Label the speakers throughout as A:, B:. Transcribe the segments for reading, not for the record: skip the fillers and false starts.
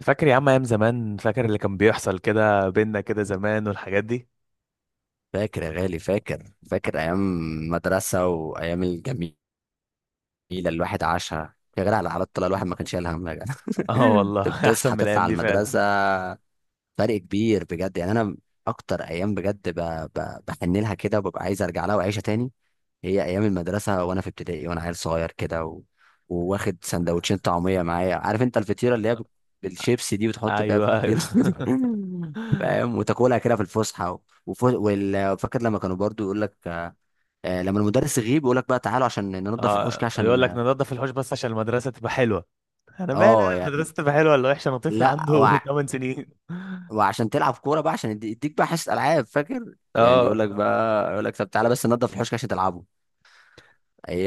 A: فاكر يا عم ايام زمان، فاكر اللي كان بيحصل كده بينا كده زمان والحاجات دي.
B: فاكر يا غالي، فاكر ايام مدرسه وايام الجميله. اللي الواحد عاشها يا غالي، على حالات طلع الواحد ما كانش شايل هم يا جدع.
A: اه
B: كنت
A: والله احسن
B: بتصحى
A: من
B: تطلع
A: الايام
B: على
A: دي
B: المدرسه.
A: فعلا.
B: فرق كبير بجد. يعني انا اكتر ايام بجد بحن لها كده وببقى عايز ارجع لها واعيشها تاني. هي ايام المدرسه وانا في ابتدائي وانا عيل صغير كده وواخد سندوتشين طعميه معايا. عارف انت الفطيره اللي هي بالشيبسي دي بتحط فيها
A: ايوه ايوه.
B: فطير. فاهم. وتاكلها كده في الفسحه فاكر لما كانوا برضو يقول لك لما المدرس يغيب يقول لك بقى تعالوا عشان ننضف الحوش
A: اه
B: كده
A: يقول لك
B: عشان...
A: ننضف الحوش بس عشان المدرسه تبقى حلوه. انا مال
B: اه
A: انا
B: يعني.
A: المدرسه تبقى حلوه ولا وحشه، انا طفل
B: لا،
A: عنده 8 سنين.
B: وعشان تلعب كوره بقى، عشان يديك بقى حصه العاب. فاكر يعني يقول
A: اه
B: لك بقى، يقول لك: طب تعالى بس ننضف الحوش كده عشان تلعبوا.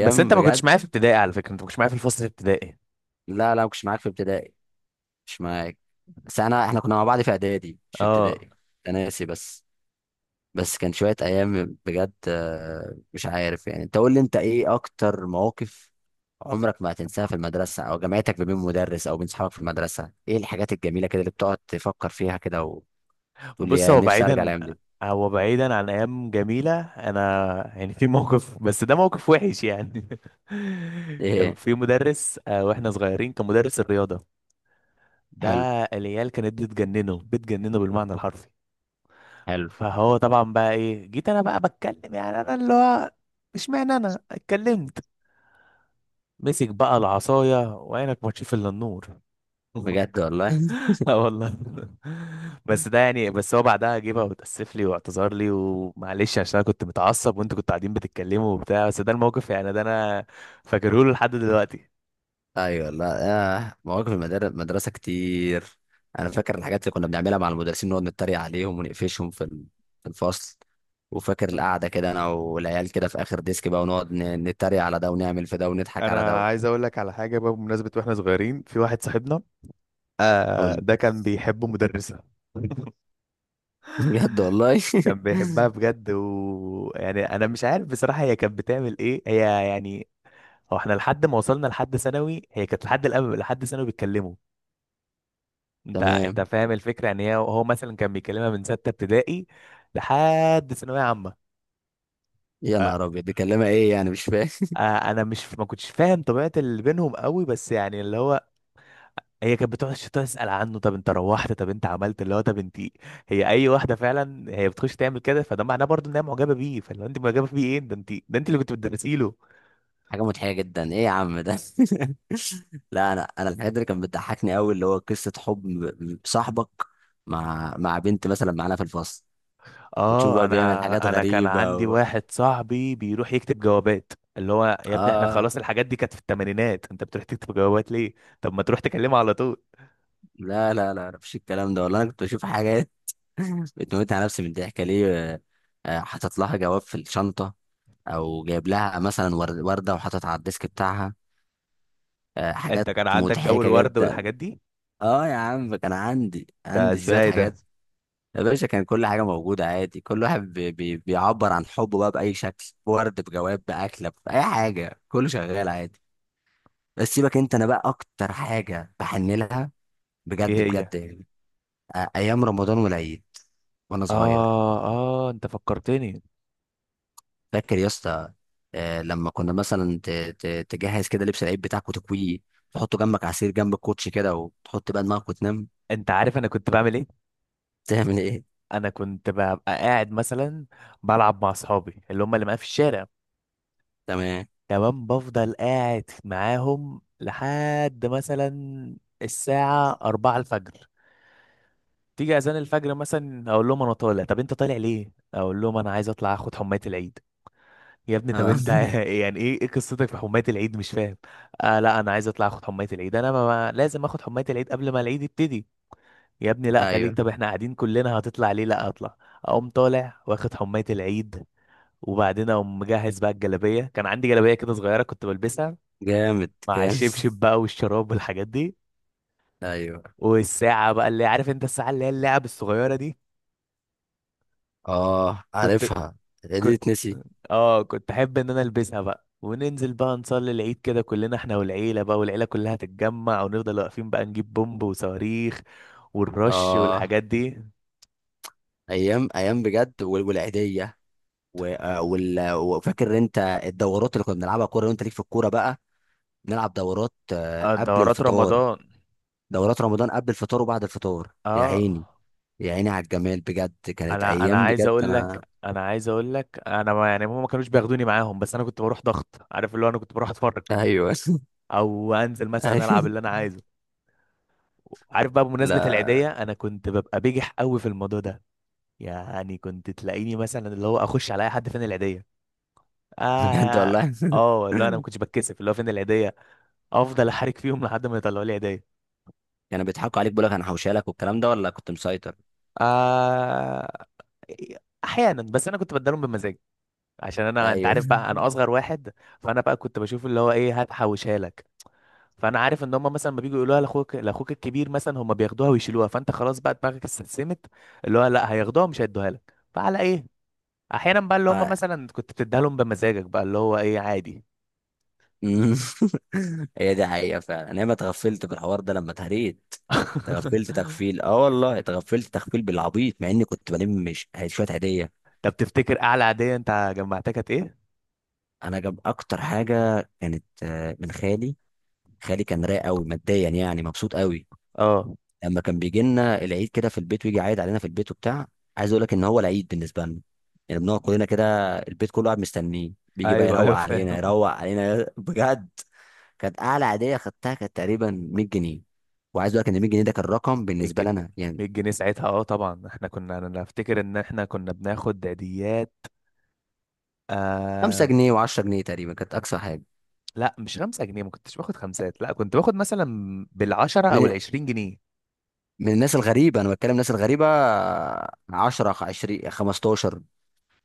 A: بس انت ما كنتش
B: بجد.
A: معايا في ابتدائي على فكره، انت ما كنتش معايا في الفصل الابتدائي.
B: لا، لا، ما كنتش معاك في ابتدائي، مش معاك. بس انا، احنا كنا مع بعض في اعدادي مش في
A: اه
B: ابتدائي، انا ناسي بس. بس كان شوية أيام بجد. مش عارف. يعني أنت قول لي: أنت إيه أكتر مواقف عمرك ما هتنساها في المدرسة أو جامعتك، ما بين مدرس أو بين صحابك في المدرسة، إيه الحاجات الجميلة كده اللي بتقعد تفكر فيها كده وتقول لي:
A: بص،
B: يا
A: هو
B: نفسي أرجع
A: بعيدا،
B: الأيام دي؟
A: هو بعيدا عن ايام جميله، انا يعني في موقف بس ده موقف وحش يعني. كان
B: إيه؟
A: في مدرس، واحنا صغيرين كان مدرس الرياضه ده.
B: حلو.
A: العيال كانت بتجننه بالمعنى الحرفي.
B: حلو.
A: فهو طبعا بقى ايه، جيت انا بقى بتكلم، يعني انا اللي هو مش معنى انا اتكلمت، مسك بقى العصايه وعينك ما تشوف الا النور.
B: بجد والله.
A: اه والله. بس ده يعني، بس هو بعدها جه وتأسف لي واعتذر لي ومعلش عشان انا كنت متعصب وانتوا كنتوا قاعدين بتتكلموا وبتاع، بس ده الموقف، يعني ده انا فاكره له لحد دلوقتي.
B: ايوه. لا. مواقف المدرسه كتير. انا فاكر الحاجات اللي كنا بنعملها مع المدرسين، نقعد نتريق عليهم ونقفشهم في الفصل. وفاكر القعده كده انا والعيال كده في اخر ديسك بقى، ونقعد نتريق على ده ونعمل في ده ونضحك على
A: انا
B: ده.
A: عايز اقول لك على حاجه بقى، بمناسبه واحنا صغيرين في واحد صاحبنا، آه
B: قول.
A: ده كان بيحب مدرسه.
B: بجد والله.
A: كان بيحبها بجد، ويعني انا مش عارف بصراحه هي كانت بتعمل ايه هي يعني. هو احنا لحد ما وصلنا لحد ثانوي هي كانت لحد لحد ثانوي بيتكلموا. انت
B: تمام.
A: فاهم الفكره، يعني هي هو مثلا كان بيكلمها من سته ابتدائي لحد ثانويه عامه.
B: يا
A: ف-
B: نهار ابيض، دي كلمه ايه يعني؟ مش فاهم.
A: آه، انا مش، ما كنتش فاهم طبيعه اللي بينهم قوي، بس يعني اللي هو هي كانت بتقعد تسال عنه، طب انت روحت، طب انت عملت اللي هو، طب انت، هي اي واحده فعلا هي بتخش تعمل كده فده معناه برضه ان هي معجبه بيه، فلو انت معجبه بيه ايه ده، ده انت اللي كنت بتدرسي له.
B: حاجه مضحكه جدا، ايه يا عم ده؟ لا. انا الحاجات اللي كانت بتضحكني قوي اللي هو قصه حب صاحبك مع بنت مثلا معانا في الفصل. وتشوف
A: اه
B: بقى بيعمل حاجات
A: انا كان عندي
B: غريبة.
A: واحد صاحبي بيروح يكتب جوابات، اللي هو يا ابني احنا
B: اه.
A: خلاص الحاجات دي كانت في الثمانينات، انت بتروح تكتب جوابات ليه؟ طب ما تروح تكلمها على طول.
B: لا، لا، لا، لا، مفيش الكلام ده والله. انا كنت بشوف حاجات. بتموت على نفسي من الضحك ليه؟ آه، حاطط لها جواب في الشنطه، او جايب لها مثلا ورده وحاططها على الديسك بتاعها.
A: انت
B: حاجات
A: كان عندك جو
B: مضحكه
A: الورد
B: جدا.
A: والحاجات دي؟
B: اه يا عم، كان عندي
A: ده
B: عندي شويه
A: ازاي ده؟
B: حاجات. يا باشا، كان كل حاجه موجوده عادي، كل واحد بي بي بيعبر عن حبه بقى باي شكل، ورد، بجواب، باكله، باي حاجه، كله شغال عادي. بس سيبك انت. انا بقى اكتر حاجه بحن لها
A: ايه
B: بجد،
A: هي؟
B: بجد يعني. ايام رمضان والعيد وانا صغير.
A: اه اه انت فكرتني.
B: فاكر يا اسطى؟ لما كنا مثلا تجهز كده لبس العيد بتاعك وتكويه، تحطه جنبك، عصير جنب الكوتش كده، وتحط بقى دماغك وتنام.
A: انت عارف انا كنت بعمل ايه؟
B: تعمل ايه؟
A: انا كنت ببقى قاعد مثلا بلعب مع اصحابي اللي هم اللي معايا في الشارع.
B: تمام.
A: تمام، بفضل قاعد معاهم لحد مثلا الساعة 4 الفجر، تيجي اذان الفجر مثلا اقول لهم انا طالع، طب انت طالع ليه، اقول لهم انا عايز اطلع اخد حماية العيد. يا ابني طب
B: آه.
A: انت يعني ايه، ايه قصتك في حماية العيد، مش فاهم. آه لا انا عايز اطلع اخد حماية العيد، انا لازم اخد حماية العيد قبل ما العيد يبتدي. يا ابني لا خليك،
B: ايوه.
A: طب احنا قاعدين كلنا، هتطلع ليه؟ لا اطلع. اقوم طالع واخد حماية العيد. وبعدين اقوم مجهز بقى الجلابية، كان عندي جلابية كده صغيرة كنت بلبسها
B: جامد،
A: مع
B: جامد.
A: الشبشب بقى والشراب والحاجات دي.
B: ايوه.
A: والساعة بقى اللي عارف انت، الساعة اللي هي اللعب الصغيرة دي،
B: اه،
A: كنت
B: عارفها. دي
A: كنت
B: تنسي.
A: اه كنت احب ان انا البسها بقى، وننزل بقى نصلي العيد كده كلنا، احنا والعيله بقى، والعيله كلها تتجمع، ونفضل واقفين بقى نجيب بومب وصواريخ والرش
B: اه،
A: والحاجات دي.
B: ايام، ايام بجد. والعيديه. وفاكر انت الدورات اللي كنا بنلعبها كوره، وانت ليك في الكوره بقى. نلعب دورات قبل
A: دورات
B: الفطار.
A: رمضان،
B: دورات رمضان قبل الفطار وبعد الفطار. يا
A: اه.
B: عيني، يا عيني على الجمال. بجد كانت
A: انا
B: ايام
A: عايز
B: بجد
A: اقول لك،
B: انا.
A: انا عايز اقول لك انا ما، يعني هم ما كانوش بياخدوني معاهم بس انا كنت بروح ضغط، عارف اللي هو انا كنت بروح اتفرج،
B: ايوه.
A: او انزل
B: ايوه.
A: مثلا العب اللي انا عايزه. عارف بقى بمناسبة
B: لا،
A: العيدية، انا كنت ببقى بجح قوي في الموضوع ده. يعني كنت تلاقيني مثلا اللي هو اخش على اي حد، فين العيدية؟
B: بجد
A: اه
B: والله.
A: اه، اللي هو انا ما كنتش بتكسف، اللي هو فين العيديه، افضل احرك فيهم لحد ما يطلعوا لي عيديه.
B: كانوا بيضحكوا عليك، بيقول لك انا حوشالك والكلام ده، ولا كنت مسيطر؟
A: آه... احيانا، بس انا كنت بدلهم بمزاج، عشان انا، انت
B: ايوه.
A: عارف بقى انا اصغر واحد، فانا بقى كنت بشوف اللي هو، ايه هات حوشها لك. فانا عارف ان هم مثلا ما بيجوا يقولوها لاخوك، لاخوك الكبير مثلا هم بياخدوها ويشيلوها، فانت خلاص بقى دماغك استسلمت، اللي هو لا هياخدوها مش هيدوها لك، فعلى ايه؟ احيانا بقى اللي هم
B: آه.
A: مثلا كنت بتديها لهم بمزاجك بقى، اللي هو ايه عادي.
B: أمم. هي دي حقيقة فعلا، انا ما اتغفلت بالحوار ده لما اتهريت. اتغفلت تغفيل اه والله، اتغفلت تغفيل بالعبيط مع اني كنت بلم مش شوية هدية.
A: طب تفتكر اعلى عاديه انت جمعتها كانت ايه؟
B: انا جاب اكتر حاجة كانت من خالي. خالي كان رايق قوي ماديا، يعني مبسوط قوي.
A: اه
B: لما كان بيجي لنا العيد كده في البيت ويجي عايد علينا في البيت وبتاع. عايز اقول لك ان هو العيد بالنسبه لنا، يعني بنقعد كلنا كده، البيت كله قاعد مستنيه، بيجي بقى
A: ايوه
B: يروق
A: ايوه
B: علينا،
A: فاهم.
B: يروق علينا. بجد. كانت اعلى عاديه خدتها كانت تقريبا 100 جنيه. وعايز اقول لك ان 100 جنيه ده كان رقم
A: 100
B: بالنسبه
A: جنيه
B: لنا يعني.
A: 100 جنيه ساعتها، اه طبعا احنا كنا، انا افتكر ان احنا كنا بناخد عيديات،
B: 5
A: آه
B: جنيه و10 جنيه تقريبا كانت اقصى حاجه.
A: لا مش 5 جنيه، ما كنتش باخد خمسات، لا كنت باخد مثلا بالعشرة
B: من
A: او العشرين جنيه.
B: من الناس الغريبه، انا بتكلم الناس الغريبه. 10، 20، 15،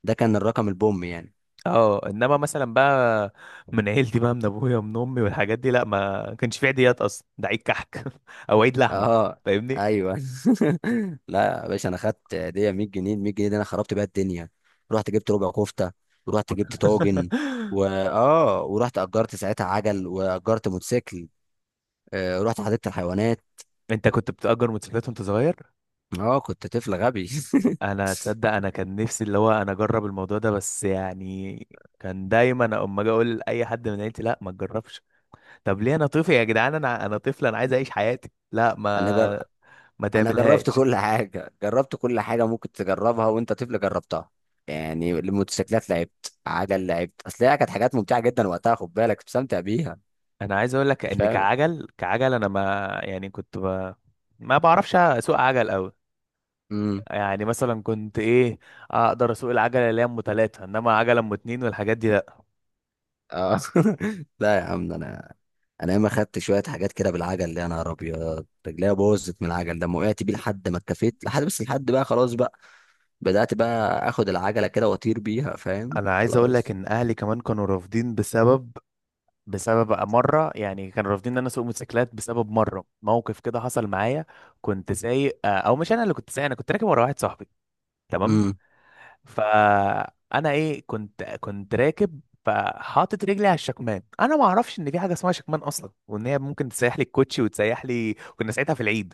B: ده كان الرقم البوم يعني.
A: اه انما مثلا بقى من عيلتي بقى، من ابويا ومن امي والحاجات دي لا، ما كانش في عيديات اصلا، ده عيد كحك او عيد لحمه.
B: اه.
A: فاهمني.
B: ايوه. لا يا باشا، انا خدت هديه 100 جنيه. ال 100 جنيه دي انا خربت بيها الدنيا. رحت جبت ربع كفته، ورحت جبت طاجن، ورحت اجرت ساعتها عجل واجرت موتوسيكل. رحت حديقه الحيوانات.
A: انت كنت بتأجر موتوسيكلات وانت صغير؟
B: اه كنت طفل غبي.
A: انا تصدق انا كان نفسي اللي هو انا اجرب الموضوع ده بس يعني كان دايما اما اجي اقول لاي حد من عيلتي، لا ما تجربش. طب ليه، انا طفل يا جدعان، انا طفل، انا عايز اعيش حياتي، لا
B: انا
A: ما
B: جر...
A: ما
B: انا جربت
A: تعملهاش.
B: كل حاجه، جربت كل حاجه ممكن تجربها وانت طفل جربتها. يعني الموتوسيكلات لعبت، عجل لعبت، اصل هي كانت حاجات ممتعه جدا وقتها، خد بالك كنت بستمتع بيها.
A: انا عايز اقول لك
B: أنت
A: ان
B: فاهم؟
A: كعجل، كعجل انا ما، يعني ما بعرفش اسوق عجل قوي.
B: امم
A: يعني مثلا كنت ايه، اقدر اسوق العجله اللي هي ام ثلاثه، انما عجله ام اتنين والحاجات دي لا.
B: اه. لا يا عم، ده انا. انا ياما خدت شويه حاجات كده بالعجل، اللي انا نهار ابيض، رجليا بوظت من العجل ده، ما وقعت بيه لحد ما اتكفيت لحد، بس لحد بقى خلاص بقى. بدات بقى اخد العجله كده واطير بيها. فاهم
A: انا عايز اقول لك
B: خلاص.
A: ان اهلي كمان كانوا رافضين بسبب، بسبب بقى مرة، يعني كانوا رافضين ان انا اسوق موتوسيكلات بسبب مرة موقف كده حصل معايا. كنت سايق، او مش انا اللي كنت سايق، انا كنت راكب ورا واحد صاحبي. تمام.
B: امم
A: فانا ايه، كنت راكب، فحاطط رجلي على الشكمان، انا ما اعرفش ان في حاجه اسمها شكمان اصلا، وان هي ممكن تسيح لي الكوتشي وتسيح لي، كنا ساعتها في العيد.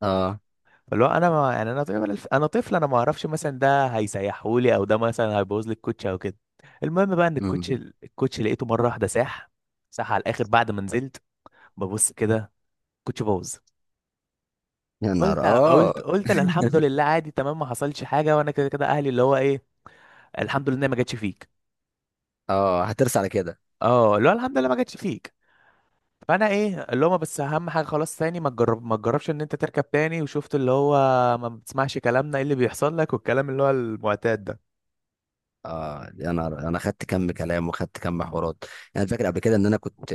B: اه.
A: فاللي هو انا ما... يعني انا طفل، انا ما اعرفش مثلا ده هيسيحه لي، او ده مثلا هيبوظ لي الكوتشي او كده. المهم بقى ان
B: امم
A: الكوتشي لقيته مره واحده ساح، صح على الاخر. بعد ما نزلت ببص كده كنت بوظ.
B: يا نهار
A: قلت قلت
B: اه.
A: قلت لا، الحمد لله عادي تمام ما حصلش حاجه، وانا كده كده اهلي اللي هو ايه، الحمد لله إن هي ما جاتش فيك.
B: اه، هترس على كده.
A: اه اللي هو الحمد لله ما جاتش فيك. فانا ايه اللي هو ما، بس اهم حاجه خلاص تاني ما تجرب، ما تجربش ان انت تركب تاني، وشفت اللي هو ما بتسمعش كلامنا ايه اللي بيحصل لك، والكلام اللي هو المعتاد ده.
B: اه يا نهار، انا خدت كم كلام وخدت كم حوارات. انا فاكر قبل كده ان انا كنت...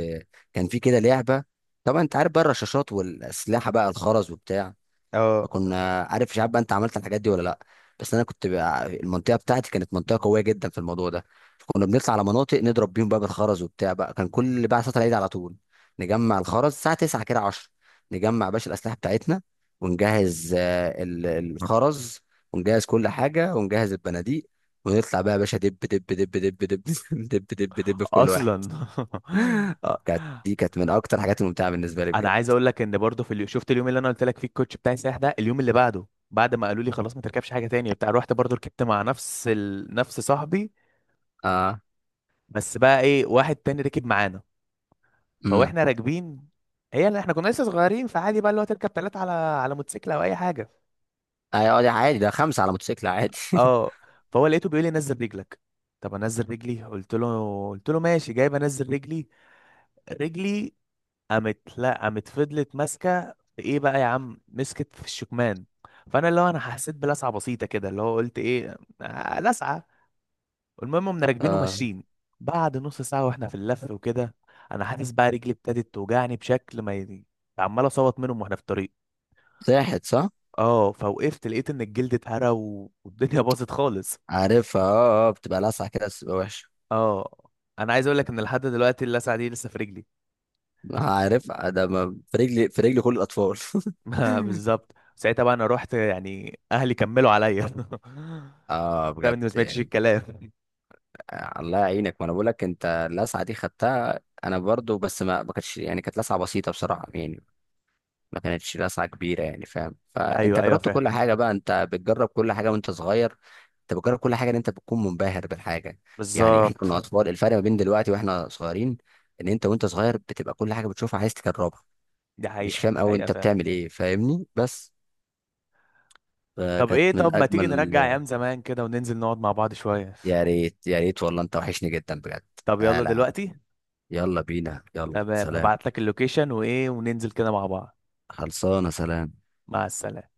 B: كان في كده لعبه. طبعا انت عارف بقى الرشاشات والاسلحه بقى، الخرز وبتاع.
A: اه
B: فكنا، عارف مش عارف بقى انت عملت الحاجات دي ولا لا. بس انا كنت بقى، المنطقه بتاعتي كانت منطقه قويه جدا في الموضوع ده. فكنا بنطلع على مناطق نضرب بيهم بقى بالخرز وبتاع بقى. كان كل بقى صلاه العيد على طول نجمع الخرز الساعه 9 كده، 10، نجمع باشا الاسلحه بتاعتنا، ونجهز الخرز، ونجهز كل حاجه، ونجهز البنادق. ونطلع بقى يا باشا، دب دب دب دب دب دب دب دب في كل واحد.
A: اصلا.
B: اه كانت دي، كانت من اكتر الحاجات الممتعه بالنسبه لي
A: انا
B: بجد.
A: عايز اقول لك ان برضه شفت اليوم اللي انا قلت لك فيه الكوتش بتاعي سايح ده، اليوم اللي بعده بعد ما قالوا لي خلاص ما تركبش حاجه تانية بتاع، رحت برضه ركبت مع نفس صاحبي،
B: اه.
A: بس بقى ايه واحد تاني ركب معانا.
B: امم
A: فواحنا راكبين، هي اللي احنا كنا لسه صغيرين، فعادي بقى اللي هو تركب ثلاثه على موتوسيكل او اي حاجه.
B: ايوه دي عادي، ده خمسه على موتوسيكل عادي.
A: اه. فهو لقيته بيقول لي نزل رجلك، طب انزل رجلي، قلت له ماشي جايب انزل رجلي. رجلي قامت، لا قامت فضلت ماسكه في ايه بقى يا عم، مسكت في الشكمان. فانا اللي هو انا حسيت بلسعه بسيطه كده، اللي هو قلت ايه، آه لسعه. المهم قمنا راكبين
B: اه،
A: وماشيين. بعد نص ساعه واحنا في اللف وكده، انا حاسس بقى رجلي ابتدت توجعني بشكل ما ي- عمال اصوت منهم واحنا في الطريق.
B: ساحت صح.
A: اه فوقفت لقيت ان الجلد اتهرى، والدنيا باظت خالص.
B: عارفها. اه. اه بتبقى لسعة كده بس بتبقى وحشة.
A: اه انا عايز اقول لك ان لحد دلوقتي اللسعه دي لسه في رجلي.
B: عارفها. ده في رجلي، في رجلي كل الأطفال.
A: بالظبط، ساعتها بقى انا رحت يعني اهلي كملوا عليا
B: اه
A: ده
B: بجد
A: اني ما سمعتش
B: يعني.
A: الكلام.
B: الله يعينك. ما انا بقول لك انت، اللسعة دي خدتها انا برضو، بس ما كانتش، يعني كانت لسعة بسيطة بصراحة يعني. ما كانتش لسعة كبيرة يعني، فاهم. فانت
A: ايوه ايوه
B: جربت
A: فاهم.
B: كل حاجة بقى، انت بتجرب كل حاجة وانت صغير. انت بتجرب كل حاجه، ان انت بتكون منبهر بالحاجه. يعني احنا
A: بالظبط.
B: كنا اطفال، الفرق ما بين دلوقتي واحنا صغيرين، ان انت وانت صغير بتبقى كل حاجه بتشوفها عايز تجربها،
A: دي
B: مش
A: حقيقة،
B: فاهم
A: دي
B: أوي
A: حقيقة
B: أنت
A: فاهم.
B: بتعمل إيه، فاهمني بس.
A: طب
B: فكانت
A: ايه،
B: من
A: طب ما تيجي
B: أجمل...
A: نرجع ايام زمان كده وننزل نقعد مع بعض شوية.
B: يا ريت، يا ريت والله، أنت وحشني جدا بجد.
A: طب يلا
B: تعالى يا عم.
A: دلوقتي.
B: يلا بينا. يلا
A: تمام
B: سلام.
A: هبعت لك اللوكيشن وايه وننزل كده مع بعض.
B: خلصانة. سلام.
A: مع السلامة.